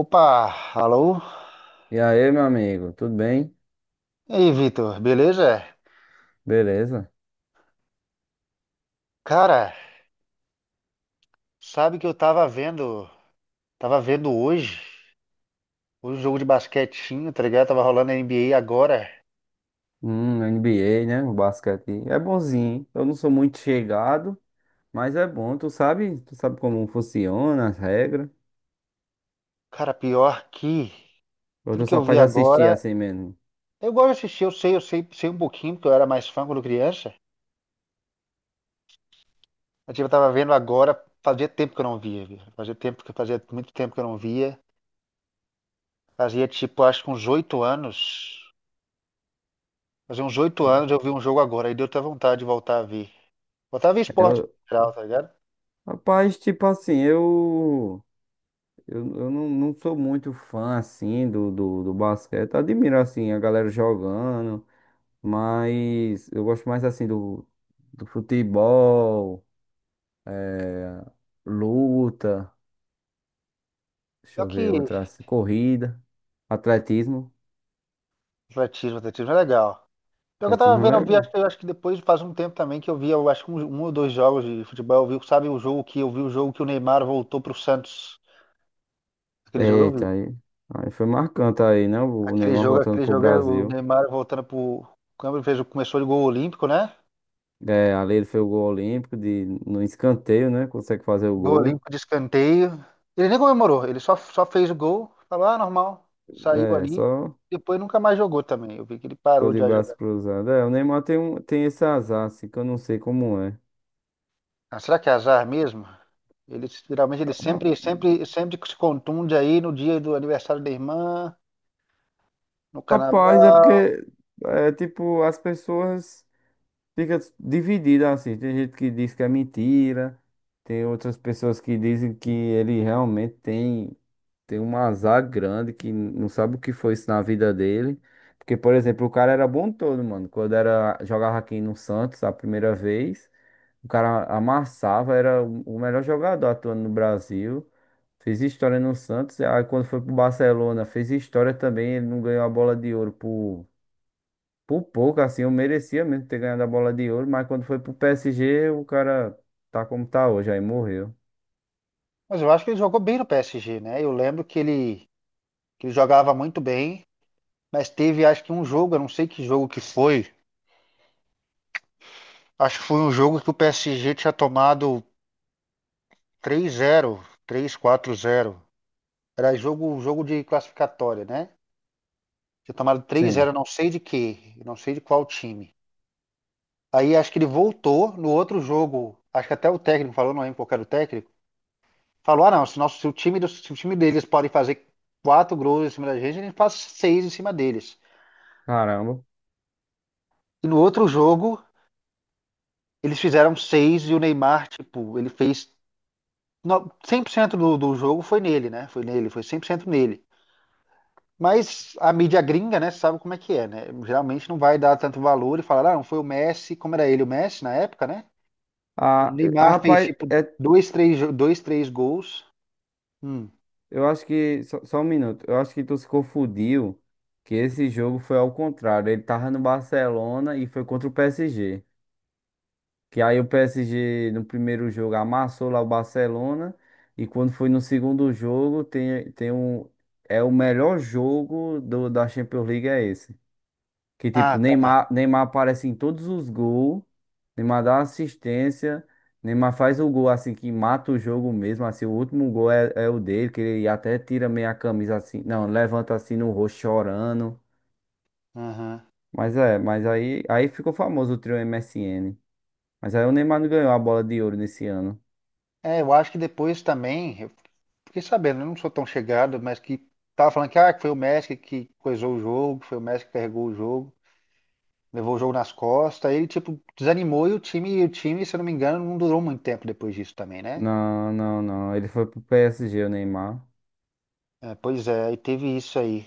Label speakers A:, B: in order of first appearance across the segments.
A: Opa, alô?
B: E aí, meu amigo, tudo bem?
A: E aí, Vitor, beleza?
B: Beleza?
A: Cara, sabe que eu tava vendo, tava vendo hoje, hoje o jogo de basquetinho, tá ligado? Tava rolando a NBA agora.
B: NBA, né? O basquete é bonzinho, hein? Eu não sou muito chegado, mas é bom. Tu sabe como funciona as regras?
A: Cara, pior que
B: Ou
A: tudo
B: tu
A: que
B: só
A: eu vi
B: faz assistir
A: agora,
B: assim mesmo?
A: eu gosto de assistir, eu sei, sei um pouquinho, porque eu era mais fã quando criança. Mas, tipo, eu tava vendo agora, fazia tempo que eu não via, viu? Fazia tempo que fazia muito tempo que eu não via. Fazia tipo, acho que uns oito anos. Fazia uns oito anos eu vi um jogo agora, aí deu até vontade de voltar a ver. Voltar a ver esporte
B: Eu,
A: em geral, tá ligado?
B: rapaz, tipo assim, eu não sou muito fã assim do basquete. Admiro assim a galera jogando, mas eu gosto mais assim do futebol, luta. Deixa
A: Pior
B: eu ver
A: que
B: outra assim. Corrida. Atletismo.
A: atletismo, atletismo é legal. Pior que eu tava
B: Atletismo
A: vendo,
B: é
A: eu vi,
B: legal.
A: acho que, eu acho que depois faz um tempo também que eu vi, eu acho que um ou dois jogos de futebol, eu vi, sabe, o jogo que o Neymar voltou pro Santos. Aquele jogo eu
B: Eita,
A: vi.
B: aí. Aí foi marcante aí, né? O Neymar voltando
A: Aquele
B: pro
A: jogo é o
B: Brasil.
A: Neymar voltando pro câmbio, fez, começou de gol olímpico, né?
B: É, ali ele fez o gol olímpico de, no escanteio, né? Consegue fazer o
A: Gol
B: gol.
A: olímpico de escanteio. Ele nem comemorou, só fez o gol, falou, ah, normal. Saiu
B: É,
A: ali,
B: só
A: depois nunca mais jogou também. Eu vi que ele
B: ficou
A: parou de
B: de
A: jogar.
B: braço cruzado. É, o Neymar tem, tem esse azar, assim, que eu não sei como é.
A: Ah, será que é azar mesmo? Ele, geralmente ele
B: Ra-
A: sempre se contunde aí no dia do aniversário da irmã, no
B: Rapaz, é
A: carnaval.
B: porque, é, tipo, as pessoas ficam divididas, assim. Tem gente que diz que é mentira. Tem outras pessoas que dizem que ele realmente tem. Tem um azar grande que não sabe o que foi isso na vida dele. Porque, por exemplo, o cara era bom todo, mano. Quando era, jogava aqui no Santos a primeira vez, o cara amassava, era o melhor jogador atuando no Brasil. Fez história no Santos. Aí quando foi pro Barcelona, fez história também. Ele não ganhou a bola de ouro por pouco, assim. Eu merecia mesmo ter ganhado a bola de ouro. Mas quando foi pro PSG, o cara tá como tá hoje, aí morreu.
A: Mas eu acho que ele jogou bem no PSG, né? Eu lembro que ele jogava muito bem, mas teve acho que um jogo, eu não sei que jogo que foi. Acho que foi um jogo que o PSG tinha tomado três zero, três quatro zero. Era jogo, jogo de classificatória, né? Tinha tomado três zero
B: Sim.
A: não sei de quê, não sei de qual time. Aí acho que ele voltou no outro jogo. Acho que até o técnico falou, não lembro qual era o técnico. Falou, ah, não, se, nosso, se, se o time deles pode fazer quatro gols em cima da gente, a gente faz seis em cima deles.
B: Caramba.
A: E no outro jogo, eles fizeram seis e o Neymar, tipo, ele fez. Cem por cento do jogo foi nele, né? Foi nele, foi 100% nele. Mas a mídia gringa, né, sabe como é que é, né? Geralmente não vai dar tanto valor e falar, ah, não foi o Messi, como era ele, o Messi na época, né? O
B: Ah,
A: Neymar fez,
B: rapaz,
A: tipo,
B: é.
A: dois, três gols. Hum.
B: Eu acho que. Só um minuto. Eu acho que tu se confundiu que esse jogo foi ao contrário. Ele tava no Barcelona e foi contra o PSG. Que aí o PSG no primeiro jogo amassou lá o Barcelona. E quando foi no segundo jogo, tem um. É o melhor jogo da Champions League, é esse. Que
A: Ah,
B: tipo,
A: tá.
B: Neymar aparece em todos os gols, Neymar dá assistência, Neymar faz o gol assim que mata o jogo mesmo, assim, o último gol é o dele, que ele até tira meio a camisa assim, não, levanta assim no rosto chorando.
A: Aham.
B: Mas é, aí ficou famoso o trio MSN. Mas aí o Neymar não ganhou a bola de ouro nesse ano.
A: É, eu acho que depois também fiquei sabendo, eu não sou tão chegado, mas que tava falando que, ah, que foi o Messi que coisou o jogo, foi o Messi que carregou o jogo, levou o jogo nas costas, aí ele tipo desanimou e o time, se eu não me engano, não durou muito tempo depois disso também, né?
B: Não, não, não. Ele foi pro PSG, o Neymar.
A: É, pois é, aí teve isso aí.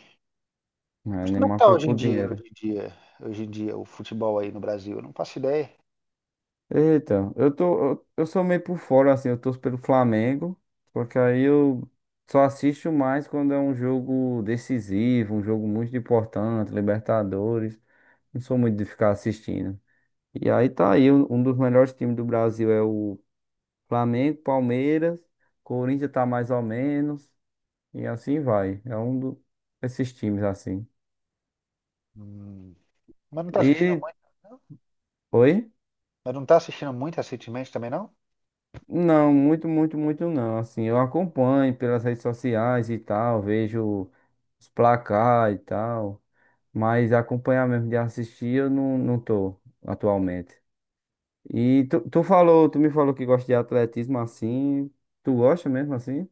B: É, o
A: Mas como é que
B: Neymar
A: tá
B: foi
A: hoje em
B: pro
A: dia,
B: dinheiro.
A: hoje em dia o futebol aí no Brasil? Eu não faço ideia.
B: Eita, eu sou meio por fora, assim, eu torço pelo Flamengo, porque aí eu só assisto mais quando é um jogo decisivo, um jogo muito importante, Libertadores, não sou muito de ficar assistindo. E aí tá aí, um dos melhores times do Brasil é o Flamengo, Palmeiras, Corinthians tá mais ou menos, e assim vai, é um desses times, assim.
A: Hum, mas não tá assistindo
B: E,
A: muito, não?
B: oi?
A: Mas não tá assistindo muito recentemente também, não?
B: Não, muito, muito, muito não. Assim, eu acompanho pelas redes sociais e tal, vejo os placar e tal, mas acompanhar mesmo de assistir eu não tô atualmente. E tu me falou que gosta de atletismo assim, tu gosta mesmo assim?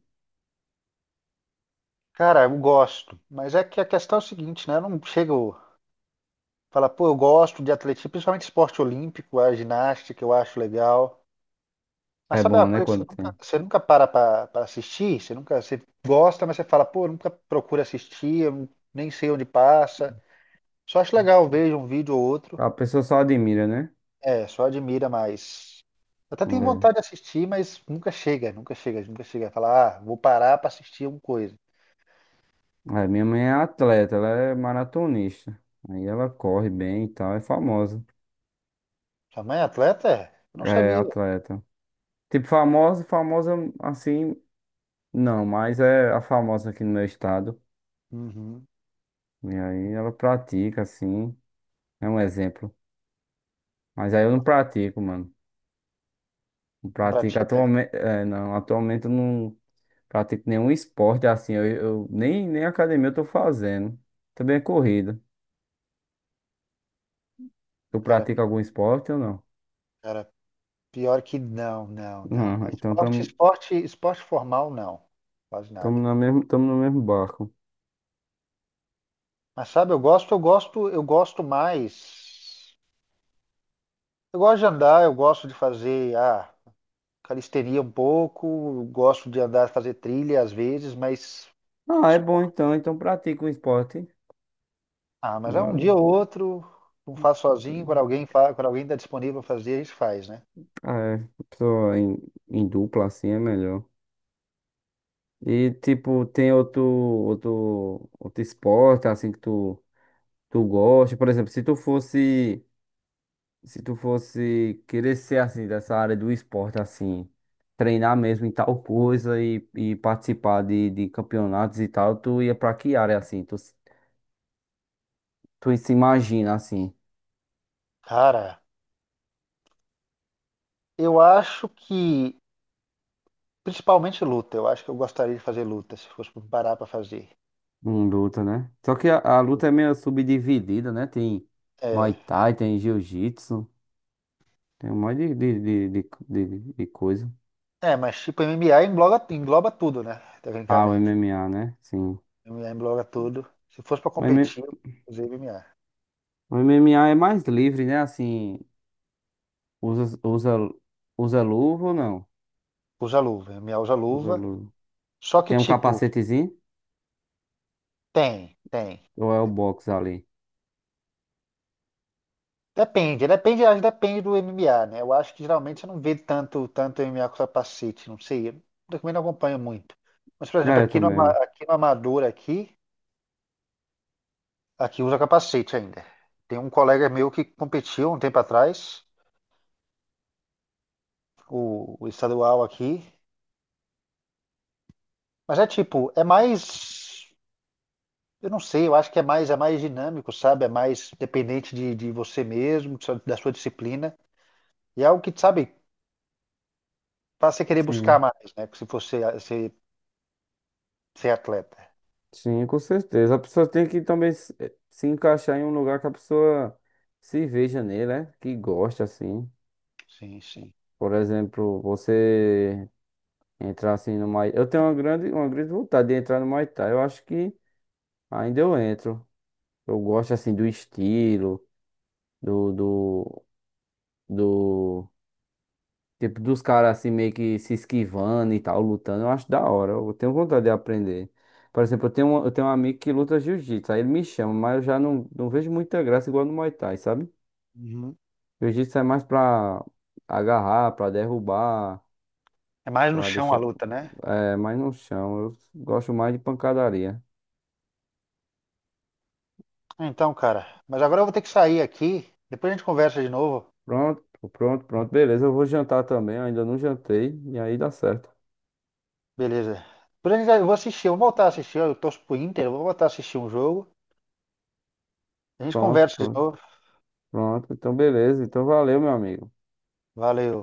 A: Cara, eu gosto, mas é que a questão é o seguinte, né? Eu não chego. Fala, pô, eu gosto de atletismo, principalmente esporte olímpico, a ginástica, eu acho legal. Mas
B: É
A: sabe uma
B: bom, né,
A: coisa que
B: quando tem.
A: você nunca para pra assistir? Você nunca, você gosta, mas você fala, pô, eu nunca procura assistir, eu nem sei onde passa. Só acho legal, vejo um vídeo ou outro.
B: A pessoa só admira, né?
A: É, só admira, mas. Até tenho
B: É.
A: vontade de assistir, mas nunca chega. Falar, ah, vou parar pra assistir uma coisa.
B: É, minha mãe é atleta, ela é maratonista. Aí ela corre bem e tal, é famosa.
A: Sua mãe é atleta? É? Eu não
B: É
A: sabia.
B: atleta. Tipo, famosa assim. Não, mas é a famosa aqui no meu estado.
A: Uhum.
B: E aí ela pratica, assim. É um exemplo. Mas aí eu não pratico, mano. Não
A: Não
B: pratico
A: pratica?
B: atualmente. É, não, atualmente eu não pratico nenhum esporte assim. Nem academia eu tô fazendo. Também é corrida. Tu
A: Cara,
B: pratica algum esporte ou não?
A: pior que não.
B: Não,
A: Ah,
B: então estamos
A: Esporte formal, não. Quase nada.
B: tamo no mesmo barco.
A: Mas sabe, eu gosto mais. Eu gosto de andar, eu gosto de fazer, ah, calistenia um pouco, eu gosto de andar, fazer trilha às vezes, mas
B: Ah, é bom
A: esporte-
B: então. Então pratica um esporte.
A: ah, mas é um
B: Não,
A: dia ou outro, não faço sozinho, quando alguém está disponível para fazer, a gente faz, né?
B: ah, é, pessoa em dupla assim é melhor. E tipo, tem outro esporte assim que tu, tu gosta. Por exemplo, se tu fosse querer ser assim dessa área do esporte assim, treinar mesmo em tal coisa e participar de campeonatos e tal, tu ia pra que área assim? Tu se imagina assim,
A: Cara, eu acho que principalmente luta, eu acho que eu gostaria de fazer luta, se fosse parar para fazer.
B: em luta, né? Só que a luta é meio subdividida, né? Tem Muay
A: É,
B: Thai, tem Jiu-Jitsu, tem um monte de, de coisa.
A: Mas tipo, MMA engloba, engloba tudo, né?
B: Ah, o
A: Tecnicamente.
B: MMA, né? Sim.
A: MMA engloba tudo. Se fosse pra
B: O M-
A: competir, eu usei MMA.
B: o MMA é mais livre, né? Assim, usa, usa, usa luva ou não?
A: Usa luva. MMA usa
B: Usa
A: luva.
B: luva.
A: Só que,
B: Tem um
A: tipo,
B: capacetezinho?
A: tem, tem.
B: Ou é o box ali?
A: Depende, depende, acho que depende do MMA, né? Eu acho que geralmente você não vê tanto MMA com capacete, não sei. Eu também não acompanho muito. Mas, por exemplo,
B: É, também, é.
A: aqui no Amador, aqui, aqui usa capacete ainda. Tem um colega meu que competiu um tempo atrás, o estadual aqui. Mas é tipo, é mais. Eu não sei, eu acho que é mais dinâmico, sabe? É mais dependente de você mesmo, da sua disciplina. E é algo que, sabe, faz você querer buscar
B: Sim.
A: mais, né? Se você ser, ser atleta.
B: Sim, com certeza. A pessoa tem que também se se encaixar em um lugar que a pessoa se veja nele, né? Que gosta, assim.
A: Sim, sim.
B: Por exemplo, você entrar assim no Muay... Eu tenho uma uma grande vontade de entrar no Muay Thai. Eu acho que ainda eu entro. Eu gosto, assim, do estilo, do... do tipo dos caras assim meio que se esquivando e tal, lutando, eu acho da hora. Eu tenho vontade de aprender. Por exemplo, eu tenho um amigo que luta jiu-jitsu, aí ele me chama, mas eu já não vejo muita graça igual no Muay Thai, sabe?
A: Uhum.
B: Jiu-jitsu é mais pra agarrar, pra derrubar,
A: É mais no
B: pra
A: chão a
B: deixar.
A: luta, né?
B: É, mas no chão, eu gosto mais de pancadaria.
A: Então, cara, mas agora eu vou ter que sair aqui. Depois a gente conversa de novo.
B: Pronto, pronto, beleza. Eu vou jantar também, eu ainda não jantei, e aí dá certo.
A: Beleza. Depois a gente, eu vou assistir, eu vou voltar a assistir. Eu torço pro Inter, eu vou voltar a assistir um jogo. A gente
B: Pronto,
A: conversa de
B: pronto,
A: novo.
B: pronto. Então, beleza. Então, valeu, meu amigo.
A: Valeu.